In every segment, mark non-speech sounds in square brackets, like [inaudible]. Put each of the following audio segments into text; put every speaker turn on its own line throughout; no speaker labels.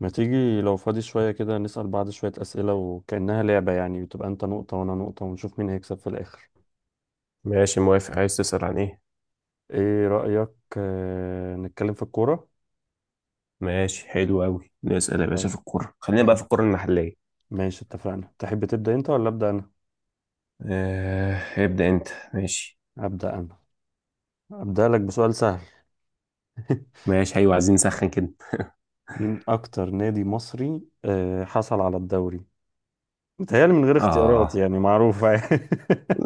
ما تيجي لو فاضي شوية كده نسأل بعض شوية أسئلة وكأنها لعبة؟ يعني بتبقى أنت نقطة وأنا نقطة ونشوف مين هيكسب في الآخر.
ماشي، موافق. عايز تسأل عن ايه؟
إيه رأيك؟ آه، نتكلم في الكورة.
ماشي حلو قوي، نسأل يا باشا
طيب.
في الكورة. خلينا بقى في
تحب.
الكورة المحلية.
ماشي، اتفقنا. تحب تبدأ أنت ولا أبدأ أنا؟
آه، ابدأ انت. ماشي
أبدأ أنا. أبدأ لك بسؤال سهل. [laughs]
ماشي ايوه، عايزين نسخن كده.
مين أكتر نادي مصري حصل على الدوري؟ متهيألي من غير اختيارات،
اه
يعني معروفة. [laughs]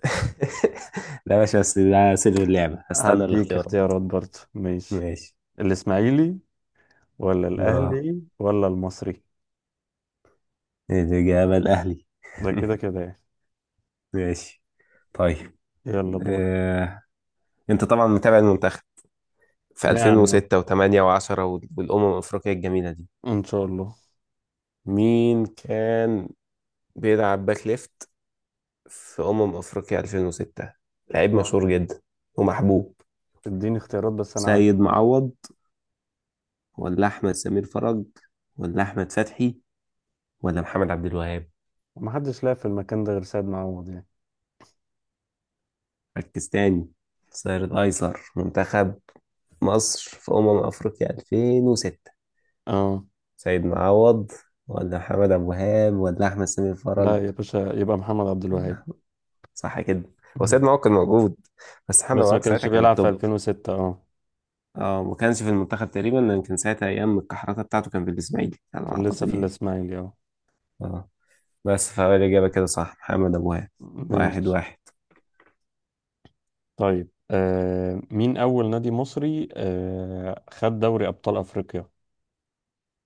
[laughs] لا يا باشا، بس ده سر اللعبة،
هديك
هستنى
أديك
الاختيارات.
اختيارات برضه. ماشي.
ماشي.
الإسماعيلي، ولا
اه
الأهلي ولا المصري؟
الإجابة الأهلي.
ده
[laughs]
كده كده يعني.
ماشي. طيب
يلا دورك.
آه. انت طبعا متابع المنتخب في
يعني اه.
2006 و8 و10، والأمم الأفريقية الجميلة دي.
ان شاء الله.
مين كان بيلعب باك ليفت في أمم أفريقيا 2006؟ لعيب
اه.
مشهور جدا ومحبوب.
اديني اختيارات بس انا عارف.
سيد معوض ولا أحمد سمير فرج ولا أحمد فتحي ولا محمد عبد الوهاب؟
ما حدش لاقي في المكان ده غير سيد معوض يعني.
ركز تاني. الظهير الأيسر منتخب مصر في أمم أفريقيا 2006،
اه.
سيد معوض ولا محمد عبد الوهاب ولا أحمد سمير فرج
لا يا باشا، يبقى محمد عبد
ولا
الوهاب.
أحمد. صح كده؟
[laughs]
هو سيد
مم.
معوض كان موجود، بس محمد عبد
بس ما
الوهاب ساعتها
كانش
كان
بيلعب في
التوب.
2006 اه.
اه، ما كانش في المنتخب تقريبا، لان كان ساعتها ايام الكحركه بتاعته كان في الاسماعيلي على ما
كان لسه
اعتقد،
في
يعني.
الاسماعيلي اه.
اه، بس فهو الإجابة كده صح، محمد أبو وهاب. واحد
ماشي.
واحد.
طيب، مين اول نادي مصري خد دوري ابطال افريقيا؟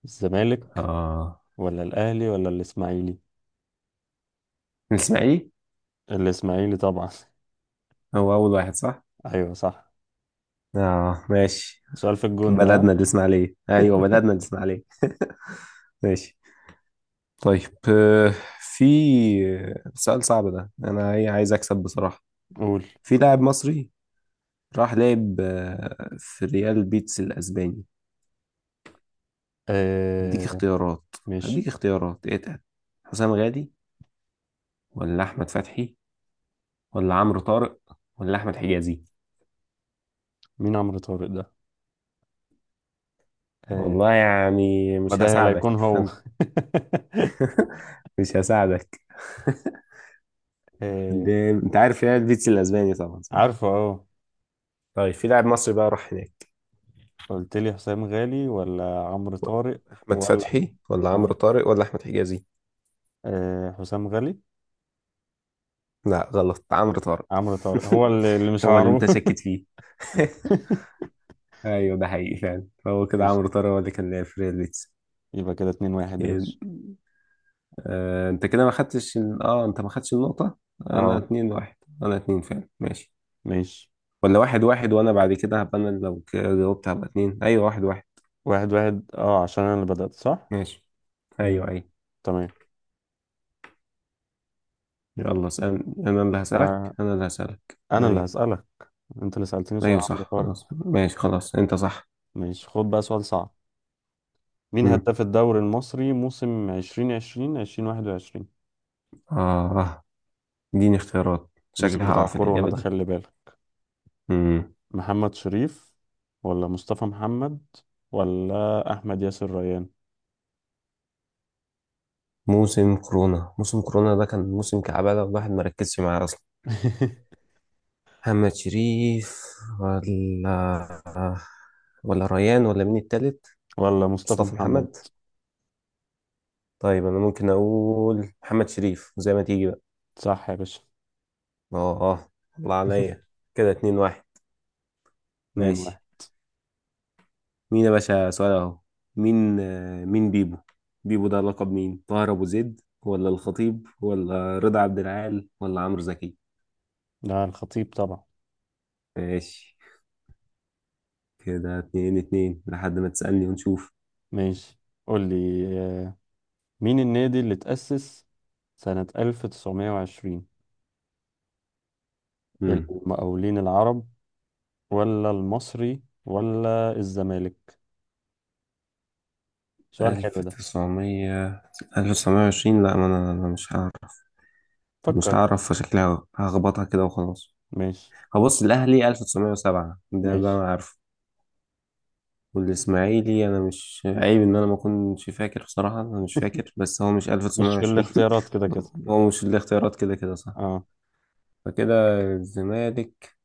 الزمالك،
آه،
ولا الاهلي ولا الاسماعيلي؟
الإسماعيلي.
الاسماعيلي طبعا. [laughs]
هو أول واحد صح؟
ايوه صح.
آه ماشي.
سؤال في الجون ده، ها؟
بلدنا الإسماعيلية، أيوة بلدنا الإسماعيلية. ماشي. طيب في سؤال صعب ده، أنا إيه، عايز أكسب بصراحة.
قول.
في لاعب مصري راح لعب في ريال بيتس الأسباني. هديك
آه،
اختيارات.
ماشي.
هديك اختيارات اتقل. حسام غادي ولا أحمد فتحي ولا عمرو طارق ولا أحمد حجازي؟
مين عمرو طارق ده؟ آه.
والله يعني
ما
مش
ده لا
هساعدك،
يكون هو.
فانت
[laughs]
[laughs] مش هساعدك.
آه.
انت عارف يعني البيتش الاسباني طبعا، صح؟
عارفه اه.
طيب، في لاعب مصري بقى راح هناك.
قلت لي حسام غالي ولا عمرو طارق
احمد
ولا.
فتحي ولا عمرو
آه.
طارق ولا احمد حجازي؟
آه، حسام غالي.
لا غلط، عمرو طارق.
عمرو طارق هو
[laughs]
اللي مش
هو اللي
عارف.
انت شاكك
[laughs]
فيه. [laughs] ايوه، ده حقيقي فعلا، هو كده
ماشي.
عمرو طارق هو اللي كان لاعب في ريال بيتس.
يبقى كده 2-1 يا
يعني
باشا.
انت كده ما خدتش انت ما خدتش النقطة. انا
اه،
اتنين واحد. انا اتنين فعلا، ماشي.
ماشي.
ولا واحد واحد، وانا بعد كده هبقى انا لو جاوبت هبقى اتنين. ايوه، واحد واحد.
1-1، اه عشان انا اللي بدأت صح؟
ماشي. ايوه
مم.
ايوه.
تمام.
يلا اسال. انا اللي هسالك
آه،
انا اللي هسالك
انا اللي
ايوه.
هسألك. انت اللي سألتني سؤال
ايوه
عمرو
صح،
طارق.
خلاص ماشي، خلاص انت صح.
ماشي، خد بقى سؤال صعب. مين
امم
هداف الدوري المصري موسم 2020 2021؟
اه، اديني اختيارات، شكلي
الموسم بتاع
هقع في
كورونا
الاجابه
ده،
دي.
خلي بالك.
امم
محمد شريف، ولا مصطفى محمد ولا أحمد ياسر ريان؟
موسم كورونا، ده كان موسم كعبه ده، الواحد ما ركزش معاه اصلا.
[laughs]
محمد شريف ولا ريان ولا مين التالت؟
ولا مصطفى
مصطفى
محمد.
محمد. طيب انا ممكن اقول محمد شريف، زي ما تيجي بقى.
صح يا باشا.
اه الله عليا.
[laughs]
كده اتنين واحد.
2-1.
ماشي. مين يا باشا سؤال اهو. مين مين بيبو؟ بيبو ده لقب مين؟ طاهر ابو زيد ولا الخطيب ولا رضا عبد العال ولا عمرو زكي؟
لا، الخطيب طبعا.
ماشي. كده اتنين اتنين، لحد ما تسألني ونشوف.
ماشي. قول لي، مين النادي اللي تأسس سنة 1920؟
امم
المقاولين العرب، ولا المصري ولا الزمالك؟ سؤال حلو
ألف
ده.
تسعمية 1920؟ لا، ما أنا، أنا مش هعرف. مش
فكر.
هعرف، فشكلها هخبطها كده وخلاص.
ماشي.
هبص، الأهلي 1907، ده بقى
ماشي،
ما عارف. والإسماعيلي، أنا مش عيب إن أنا ما أكونش فاكر، بصراحة أنا مش فاكر، بس هو مش
مش في
1920.
الاختيارات كده كده.
[laughs] هو مش الاختيارات كده كده، صح؟
اه.
فكده الزمالك.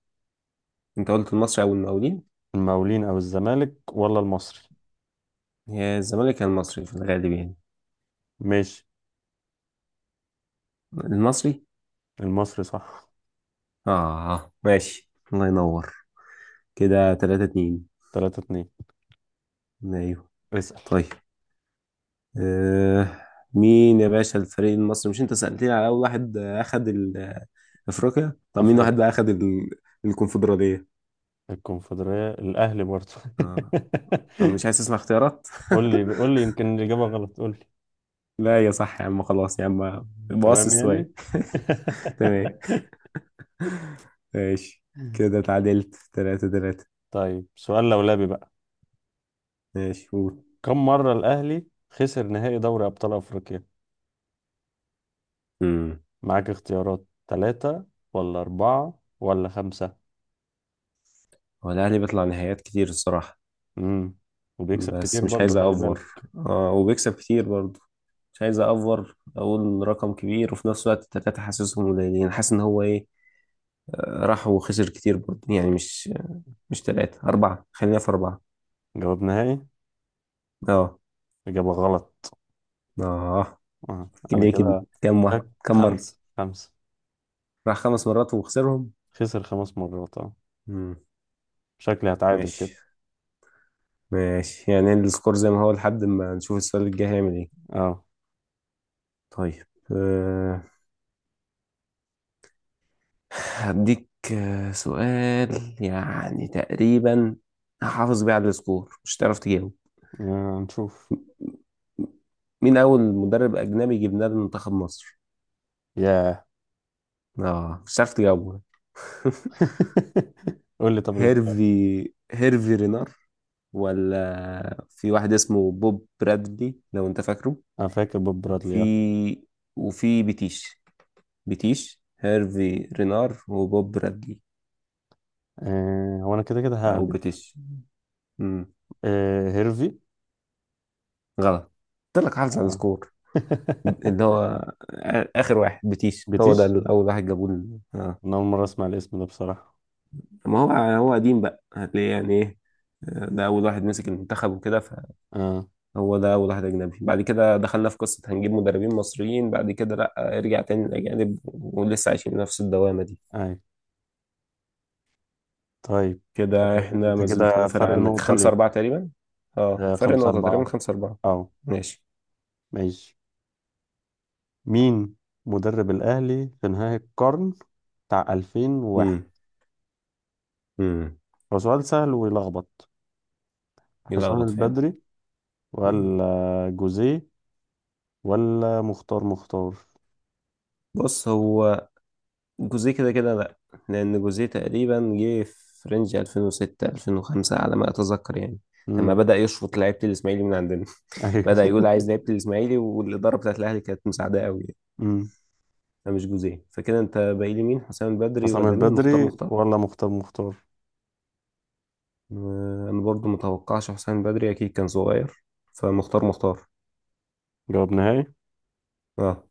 أنت قلت المصري أو المقاولين.
المقاولين او الزمالك ولا المصري؟
هي الزمالك يا المصري في الغالب، يعني
ماشي.
المصري.
المصري صح.
آه ماشي الله ينور. كده 3-2.
3-2.
أيوه.
اسأل.
طيب آه، مين يا باشا الفريق المصري، مش أنت سألتني على أول واحد أخد أفريقيا؟ طب مين واحد
افريقيا.
بقى أخد الكونفدرالية؟
الكونفدرالية، الاهلي برضه.
آه، طب مش
[laughs]
عايز تسمع اختيارات؟
قول لي قول لي، يمكن الاجابة غلط، قول لي.
[laughs] لا يا صح يا عم، خلاص يا عم، بوص
تمام
السؤال.
يعني.
[laughs] تمام. ماشي، كده
[laughs]
اتعادلت تلاتة تلاتة.
طيب سؤال لولبي بقى.
ماشي، قول.
كم مرة الاهلي خسر نهائي دوري ابطال افريقيا؟
امم
معاك اختيارات، ثلاثة ولا أربعة ولا خمسة؟
هو الأهلي بيطلع نهائيات كتير الصراحة.
امم. وبيكسب
بس
كتير
مش
برضه،
عايز
خلي
أأفور.
بالك.
اه، وبيكسب كتير برضه. مش عايز أأفور أقول رقم كبير، وفي نفس الوقت التلاتة حاسسهم قليلين، حاسس إن هو إيه، راح وخسر كتير برضه يعني. مش تلاتة، أربعة. خلينا في أربعة.
جواب نهائي.
اه.
إجابة غلط.
اه،
آه. أنا
ليه كده؟
كده.
كام مرة؟
خمسة خمسة.
راح خمس مرات وخسرهم.
خسر 5 مرات اه.
مم.
شكلي هتعادل
ماشي،
كده.
ماشي يعني، السكور زي ما هو لحد ما نشوف السؤال الجاي هيعمل ايه.
اه.
طيب أه... هديك سؤال يعني تقريبا هحافظ بيه على السكور، مش هتعرف تجاوب.
آه، نشوف.
مين أول مدرب أجنبي جبناه لمنتخب مصر؟
ياه.
اه مش هتعرف تجاوبه. [laughs]
[laughs] قول لي، طب الاختيار.
هيرفي رينار، ولا في واحد اسمه بوب برادلي لو انت فاكره،
انا فاكر بوب
وفي
برادلي اه.
وفي بيتيش. بيتيش، هيرفي رينار، وبوب برادلي.
هو انا كده كده
او
ههبد.
بيتيش. امم
هيرفي.
غلط. قلت لك حافظ على
اه.
السكور.
[laughs]
اللي هو اخر واحد بيتيش، هو ده
بتيش.
اللي اول واحد جابوه
انا اول مرة اسمع الاسم ده بصراحة.
ما هو، هو قديم بقى هتلاقيه يعني ايه، ده اول واحد مسك المنتخب وكده.
اه.
فهو ده اول واحد اجنبي، بعد كده دخلنا في قصه هنجيب مدربين مصريين، بعد كده لا ارجع تاني للاجانب، ولسه عايشين نفس الدوامه دي.
اي. طيب.
كده
آه،
احنا
انت
ما زلت انا
كده
فارق
فرق
عنك
نقطة
5-4
ليك.
تقريبا. اه
آه،
فرق
خمسة
نقطة تقريبا،
أربعة
5-4.
اه.
ماشي.
ماشي. مين مدرب الأهلي في نهاية القرن بتاع 2001؟
مم. امم
هو سؤال سهل ويلخبط. حسام
يلخبط فعلا.
البدري،
مم.
ولا جوزيه ولا مختار مختار؟
بص، هو جوزيه كده كده لا، لان جوزيه تقريبا جه في رينج 2006 2005 على ما اتذكر، يعني لما
امم.
بدأ يشفط لعيبه الاسماعيلي من عندنا. [laughs]
ايوه.
بدأ يقول عايز لعيبه الاسماعيلي، والاداره بتاعت الاهلي كانت مساعداه قوي يعني.
[laughs] امم.
فمش جوزيه. فكده انت باقي لي مين؟ حسام البدري
حسام
ولا مين، مختار
البدري
مختار؟
ولا مختار مختار؟
آه، انا برضو متوقعش حسام البدري اكيد كان صغير، فمختار مختار.
جواب نهائي.
اه.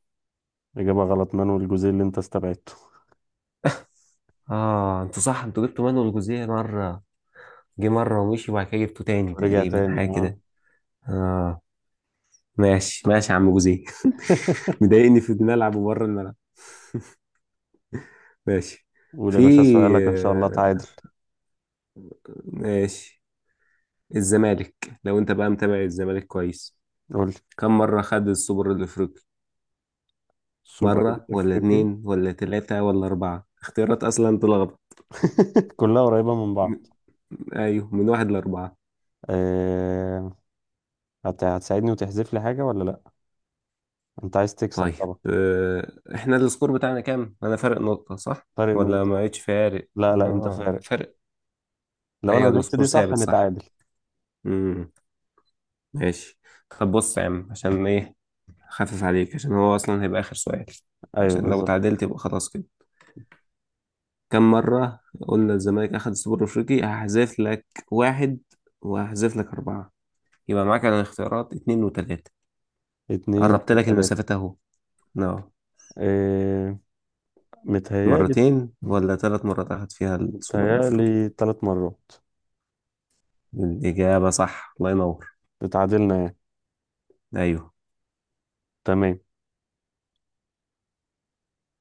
إجابة غلط، مانويل جوزيه اللي أنت استبعدته.
اه انتوا صح، انتوا جبتوا مانويل جوزيه مره، جه مره ومشي، وبعد كده جبته تاني
ورجع
تقريبا،
تاني
حاجه كده.
اه.
اه. ماشي ماشي يا عم جوزيه. [laughs]
[laughs]
مضايقني في الملعب وبره الملعب. ماشي.
قول يا
في
باشا سؤالك، إن شاء الله تعادل.
آه، ماشي. الزمالك، لو انت بقى متابع الزمالك كويس،
قول لي.
كم مرة خد السوبر الافريقي؟
سوبر.
مرة ولا
أفريقي.
اتنين ولا تلاتة ولا اربعة؟ اختيارات اصلا تلخبط.
[laughs] كلها قريبة من
م-
بعض.
ايوه، من واحد لاربعة.
أه... هتساعدني وتحذف لي حاجة ولا لأ؟ أنت عايز تكسب
طيب
طبعا.
احنا السكور بتاعنا كام؟ انا فرق نقطة صح؟
فارق
ولا ما
نقطة.
بقتش فارق؟
لا لا، أنت
اه،
فارق.
فرق.
لو
ايوه
أنا جبت
السكور
دي صح
ثابت صح.
نتعادل.
امم ماشي. طب بص يا عم، عشان ايه، خفف عليك عشان هو اصلا هيبقى اخر سؤال،
أيوه
عشان لو
بالظبط.
تعادلت يبقى خلاص كده. كم مرة، قلنا الزمالك اخد السوبر الافريقي؟ هحذف لك واحد، وهحذف لك اربعة، يبقى معاك على الاختيارات اتنين وتلاتة.
اتنين
قربت لك
وتلاتة.
المسافات اهو. نعم.
اه. متهيألي
مرتين ولا ثلاث مرات اخد فيها السوبر الافريقي؟
متهيألي 3 مرات.
الاجابة صح، الله ينور.
اتعادلنا يعني.
ايوه.
تمام.